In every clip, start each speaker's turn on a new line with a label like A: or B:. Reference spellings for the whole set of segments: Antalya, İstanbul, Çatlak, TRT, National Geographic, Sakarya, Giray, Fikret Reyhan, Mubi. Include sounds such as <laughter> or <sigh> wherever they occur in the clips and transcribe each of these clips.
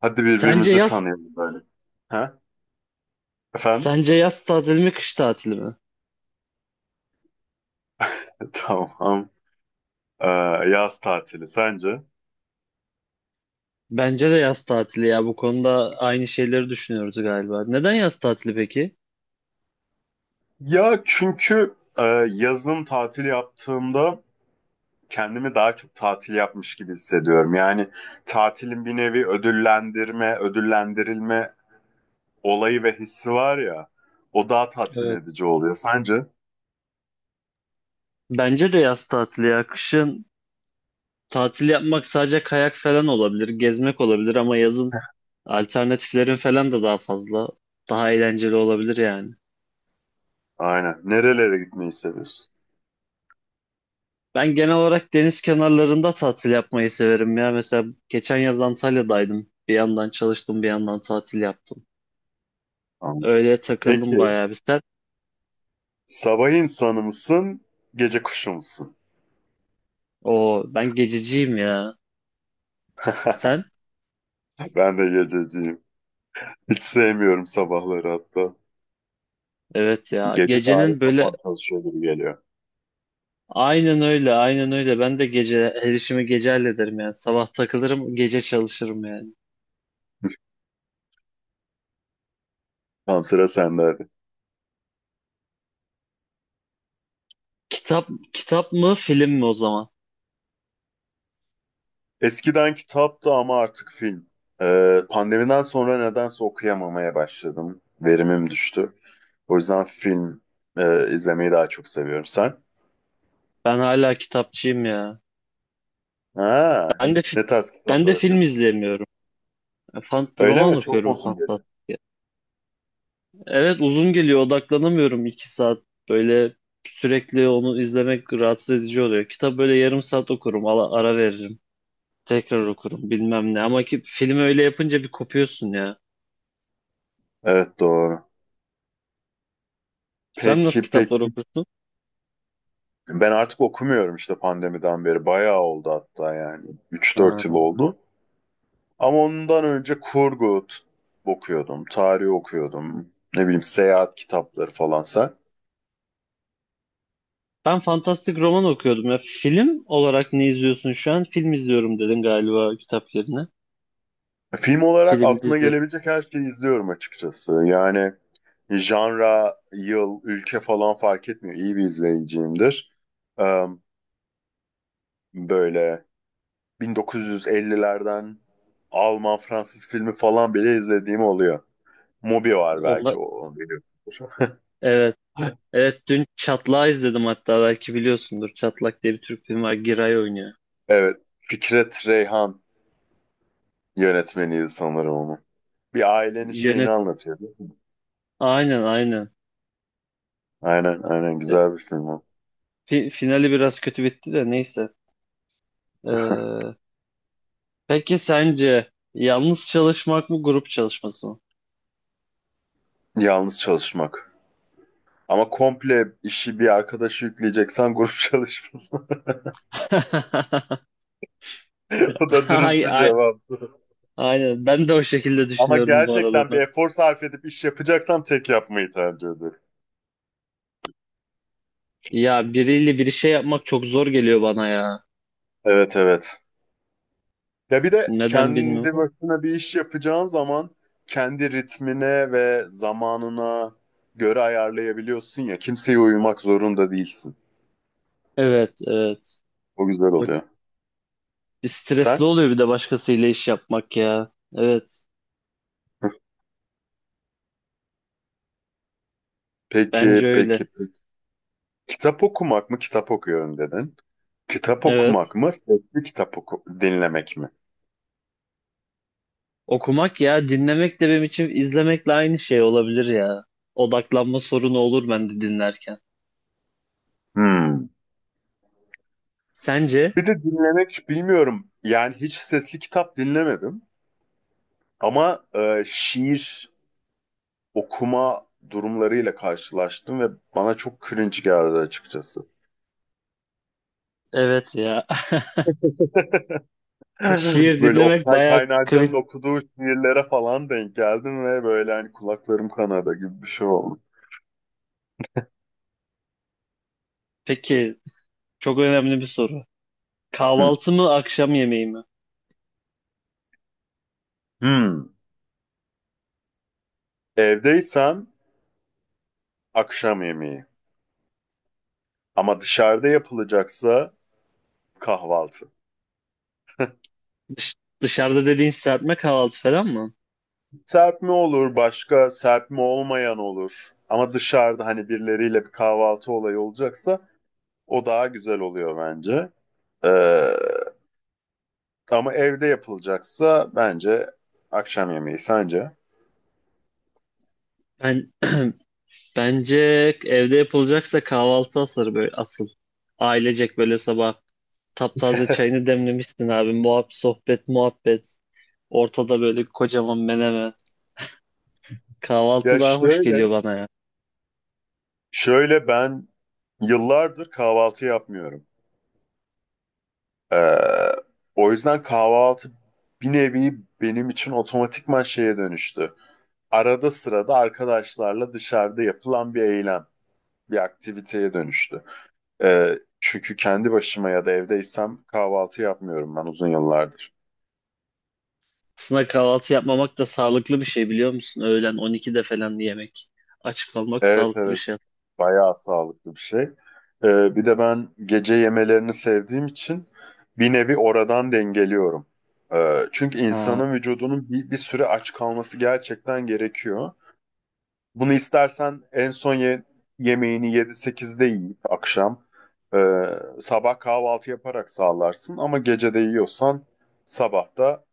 A: Hadi
B: Sence
A: birbirimizi
B: yaz
A: tanıyalım böyle. Ha? Efendim?
B: sence yaz tatili mi kış tatili mi?
A: <laughs> Tamam. Ee, Yaz tatili sence?
B: Bence de yaz tatili ya. Bu konuda aynı şeyleri düşünüyoruz galiba. Neden yaz tatili peki?
A: Ya çünkü yazın tatil yaptığımda kendimi daha çok tatil yapmış gibi hissediyorum. Yani tatilin bir nevi ödüllendirme, ödüllendirilme olayı ve hissi var ya. O daha tatmin
B: Evet.
A: edici oluyor sence?
B: Bence de yaz tatili ya. Kışın tatil yapmak sadece kayak falan olabilir, gezmek olabilir ama yazın alternatiflerin falan da daha fazla, daha eğlenceli olabilir yani.
A: Aynen. Nerelere gitmeyi seviyorsun?
B: Ben genel olarak deniz kenarlarında tatil yapmayı severim ya. Mesela geçen yaz Antalya'daydım. Bir yandan çalıştım, bir yandan tatil yaptım.
A: Tamam.
B: Öyle takıldım
A: Peki
B: bayağı bir.
A: sabah insanı mısın, gece kuşu musun?
B: O ben gececiyim ya.
A: <laughs>
B: Sen?
A: Ben de gececiyim. Hiç sevmiyorum sabahları hatta.
B: Evet ya.
A: Gece dahi
B: Gecenin böyle
A: kafam çalışıyor gibi geliyor.
B: aynen öyle, aynen öyle. Ben de gece her işimi gece hallederim yani. Sabah takılırım, gece çalışırım yani.
A: Tamam, sıra sende hadi.
B: Kitap kitap mı, film mi o zaman?
A: Eskiden kitaptı ama artık film. Pandemiden sonra nedense okuyamamaya başladım. Verimim düştü. O yüzden film izlemeyi daha çok seviyorum. Sen?
B: Ben hala kitapçıyım ya.
A: Ha,
B: Ben de fi-
A: ne tarz
B: Ben
A: kitaplar
B: de film
A: okuyorsun?
B: izleyemiyorum. Fan,
A: Öyle
B: roman
A: mi? Çok mu
B: okuyorum
A: uzun geliyor?
B: fantastik. Evet uzun geliyor, odaklanamıyorum. İki saat böyle sürekli onu izlemek rahatsız edici oluyor. Kitap böyle yarım saat okurum, ara veririm. Tekrar okurum bilmem ne ama ki film öyle yapınca bir kopuyorsun ya.
A: Evet, doğru.
B: Sen
A: Peki,
B: nasıl kitaplar
A: peki.
B: okursun?
A: Ben artık okumuyorum işte pandemiden beri. Bayağı oldu hatta, yani. 3 4 yıl
B: Ha.
A: oldu. Ama ondan önce okuyordum, tarih okuyordum. Ne bileyim, seyahat kitapları falansa.
B: Ben fantastik roman okuyordum ya. Film olarak ne izliyorsun şu an? Film izliyorum dedin galiba kitap yerine.
A: Film olarak
B: Film,
A: aklına
B: dizi.
A: gelebilecek her şeyi izliyorum açıkçası. Yani janra, yıl, ülke falan fark etmiyor. İyi bir izleyiciyimdir. Ee, Böyle 1950'lerden Alman, Fransız filmi falan bile izlediğim oluyor. Mubi var belki,
B: Onlar...
A: o. Onu biliyorsunuz.
B: Evet.
A: <laughs>
B: Evet, dün Çatlak'ı izledim, hatta belki biliyorsundur. Çatlak diye bir Türk filmi var. Giray oynuyor.
A: Evet, Fikret Reyhan yönetmeniydi sanırım onu. Bir ailenin şeyini
B: Yönet...
A: anlatıyor, değil mi?
B: Aynen aynen.
A: Aynen aynen,
B: E,
A: güzel bir film o.
B: Finali biraz kötü bitti de neyse.
A: <laughs>
B: Ee, peki sence yalnız çalışmak mı grup çalışması mı?
A: Yalnız çalışmak. Ama komple işi bir arkadaşı yükleyeceksen, grup çalışması. <laughs>
B: <laughs>
A: O da dürüst
B: Ay,
A: bir
B: ay,
A: cevap.
B: aynen. Ben de o şekilde
A: Ama
B: düşünüyorum bu arada
A: gerçekten bir
B: ben.
A: efor sarf edip iş yapacaksam tek yapmayı tercih ederim.
B: Ya biriyle bir şey yapmak çok zor geliyor bana ya.
A: Evet, evet. Ya bir de
B: Neden
A: kendi
B: bilmiyorum.
A: başına bir iş yapacağın zaman kendi ritmine ve zamanına göre ayarlayabiliyorsun ya. Kimseye uyumak zorunda değilsin.
B: Evet, evet.
A: O güzel
B: O
A: oluyor.
B: stresli
A: Sen?
B: oluyor bir de başkasıyla iş yapmak ya. Evet,
A: <laughs>
B: bence
A: Peki,
B: öyle.
A: peki, peki. Kitap okumak mı, kitap okuyorum dedin. Kitap okumak
B: Evet.
A: mı, sesli kitap oku dinlemek mi?
B: Okumak ya, dinlemek de benim için izlemekle aynı şey olabilir ya. Odaklanma sorunu olur bende dinlerken.
A: Hmm.
B: Sence?
A: Bir de dinlemek bilmiyorum. Yani hiç sesli kitap dinlemedim. Ama şiir okuma durumlarıyla karşılaştım ve bana çok cringe geldi açıkçası.
B: Evet ya. <laughs>
A: <laughs>
B: Şiir
A: Böyle
B: dinlemek
A: Oktay
B: bayağı
A: Kaynarca'nın
B: cringe.
A: okuduğu şiirlere falan denk geldim ve böyle hani kulaklarım kanadı gibi bir şey oldu.
B: Peki, çok önemli bir soru.
A: Hmm.
B: Kahvaltı mı, akşam yemeği mi?
A: Hmm. Evdeysem akşam yemeği. Ama dışarıda yapılacaksa kahvaltı.
B: Dış- dışarıda dediğin serpme kahvaltı falan mı?
A: Serpme olur, başka serpme olmayan olur. Ama dışarıda hani birileriyle bir kahvaltı olayı olacaksa o daha güzel oluyor bence. Ee, Ama evde yapılacaksa bence akşam yemeği, sence?
B: Ben bence evde yapılacaksa kahvaltı asır böyle asıl. Ailecek böyle sabah taptaze çayını demlemişsin abi. Muhabbet, sohbet, muhabbet. Ortada böyle kocaman menemen.
A: Ya
B: Kahvaltı daha hoş
A: şöyle,
B: geliyor bana ya.
A: şöyle ben yıllardır kahvaltı yapmıyorum. Ee, O yüzden kahvaltı bir nevi benim için otomatikman şeye dönüştü. Arada sırada arkadaşlarla dışarıda yapılan bir eylem, bir aktiviteye dönüştü. Ee, Çünkü kendi başıma ya da evdeysem kahvaltı yapmıyorum ben uzun yıllardır.
B: Aslında kahvaltı yapmamak da sağlıklı bir şey biliyor musun? Öğlen 12'de falan yemek. Aç kalmak
A: Evet,
B: sağlıklı bir
A: evet,
B: şey.
A: bayağı sağlıklı bir şey. Bir de ben gece yemelerini sevdiğim için bir nevi oradan dengeliyorum. Çünkü
B: Ha,
A: insanın vücudunun bir süre aç kalması gerçekten gerekiyor. Bunu istersen en son yemeğini 7-8'de yiyip akşam e, sabah kahvaltı yaparak sağlarsın ama gece de yiyorsan sabah da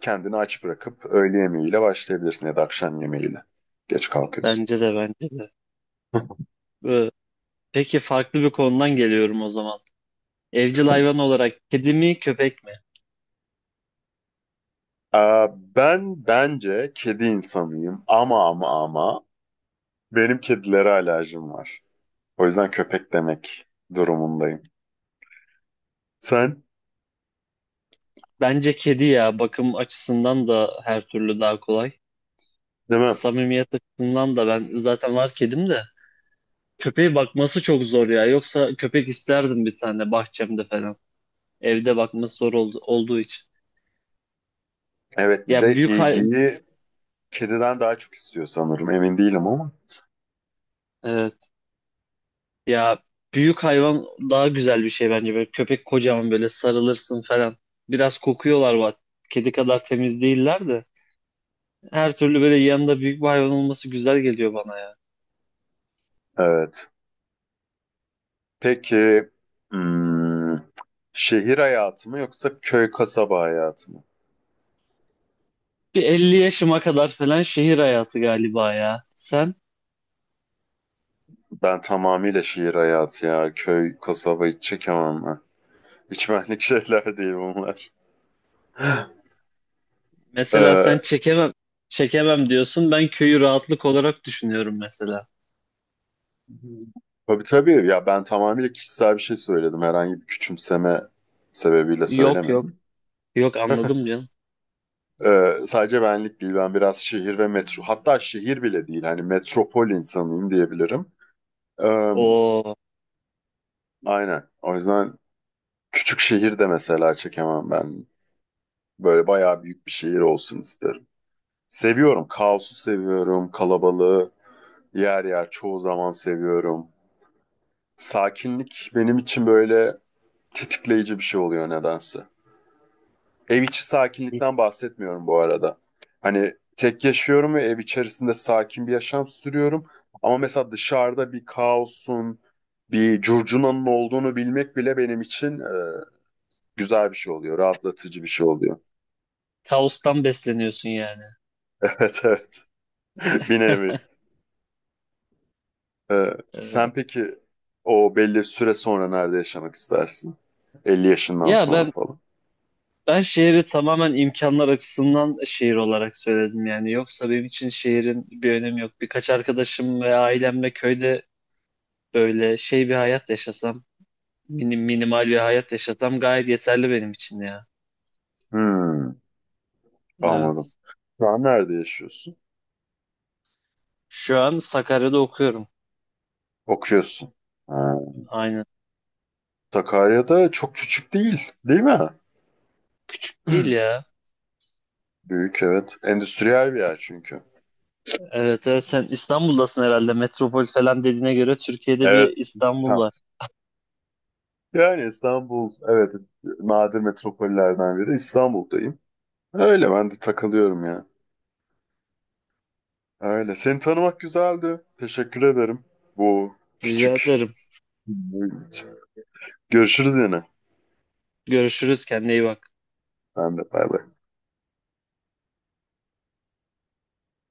A: kendini aç bırakıp öğle yemeğiyle başlayabilirsin ya da akşam yemeğiyle. Geç kalkıyorsun.
B: bence de bence de.
A: <laughs>
B: Ee, Peki farklı bir konudan geliyorum o zaman. Evcil hayvan olarak kedi mi köpek mi?
A: Ben bence kedi insanıyım ama benim kedilere alerjim var. O yüzden köpek demek durumundayım. Sen?
B: Bence kedi ya, bakım açısından da her türlü daha kolay.
A: Değil mi?
B: Samimiyet açısından da ben zaten var kedim de. Köpeğe bakması çok zor ya. Yoksa köpek isterdim bir tane bahçemde falan. Evde bakması zor oldu, olduğu için.
A: Evet, bir
B: Ya
A: de
B: büyük hay
A: ilgiyi kediden daha çok istiyor sanırım. Emin değilim ama.
B: evet. Ya büyük hayvan daha güzel bir şey bence. Böyle köpek kocaman, böyle sarılırsın falan. Biraz kokuyorlar bak. Kedi kadar temiz değiller de. Her türlü böyle yanında büyük bir hayvan olması güzel geliyor bana.
A: Evet. Peki, hmm, şehir hayatı mı yoksa köy kasaba hayatı mı?
B: Bir 50 yaşıma kadar falan şehir hayatı galiba ya. Sen
A: Ben tamamıyla şehir hayatı ya. Köy kasaba hiç çekemem ben. Hiç benlik <laughs> şeyler değil bunlar. <laughs>
B: mesela, sen
A: Ee,
B: çekemem diyorsun. Ben köyü rahatlık olarak düşünüyorum mesela.
A: tabii tabii ya, ben tamamıyla kişisel bir şey söyledim. Herhangi bir küçümseme sebebiyle
B: Yok yok
A: söylemedim.
B: yok
A: <laughs>
B: anladım canım.
A: Sadece benlik değil. Ben biraz şehir ve metro. Hatta şehir bile değil. Hani metropol insanıyım diyebilirim. Ee,
B: O,
A: Aynen. O yüzden küçük şehir de mesela çekemem ben. Böyle bayağı büyük bir şehir olsun isterim. Seviyorum. Kaosu seviyorum. Kalabalığı yer yer çoğu zaman seviyorum. Sakinlik benim için böyle tetikleyici bir şey oluyor nedense. Ev içi sakinlikten bahsetmiyorum bu arada. Hani tek yaşıyorum ve ev içerisinde sakin bir yaşam sürüyorum. Ama mesela dışarıda bir kaosun, bir curcunanın olduğunu bilmek bile benim için güzel bir şey oluyor, rahatlatıcı bir şey oluyor. <laughs>
B: kaostan besleniyorsun yani.
A: Evet, evet. <laughs> Bir nevi. Ee,
B: Ee,
A: Sen peki o belli süre sonra nerede yaşamak istersin? 50 yaşından
B: ya
A: sonra
B: ben
A: falan.
B: ben şehri tamamen imkanlar açısından şehir olarak söyledim yani. Yoksa benim için şehrin bir önemi yok. Birkaç arkadaşım ve ailemle köyde böyle şey bir hayat yaşasam, minimal bir hayat yaşasam gayet yeterli benim için ya.
A: Hmm, anladım.
B: Evet.
A: Şu an nerede yaşıyorsun?
B: Şu an Sakarya'da okuyorum.
A: Okuyorsun. Ha.
B: Aynen.
A: Sakarya'da çok küçük değil, değil mi?
B: Küçük değil
A: <clears throat>
B: ya.
A: Büyük, evet. Endüstriyel bir yer çünkü.
B: Evet evet, sen İstanbul'dasın herhalde. Metropol falan dediğine göre Türkiye'de
A: Evet.
B: bir İstanbul
A: Ha.
B: var.
A: Yani İstanbul, evet, nadir metropollerden biri. İstanbul'dayım. Öyle ben de takılıyorum ya. Öyle. Seni tanımak güzeldi. Teşekkür ederim. Bu
B: Rica
A: küçük.
B: ederim.
A: Görüşürüz yine.
B: Görüşürüz. Kendine iyi bak.
A: Ben de, bay bay.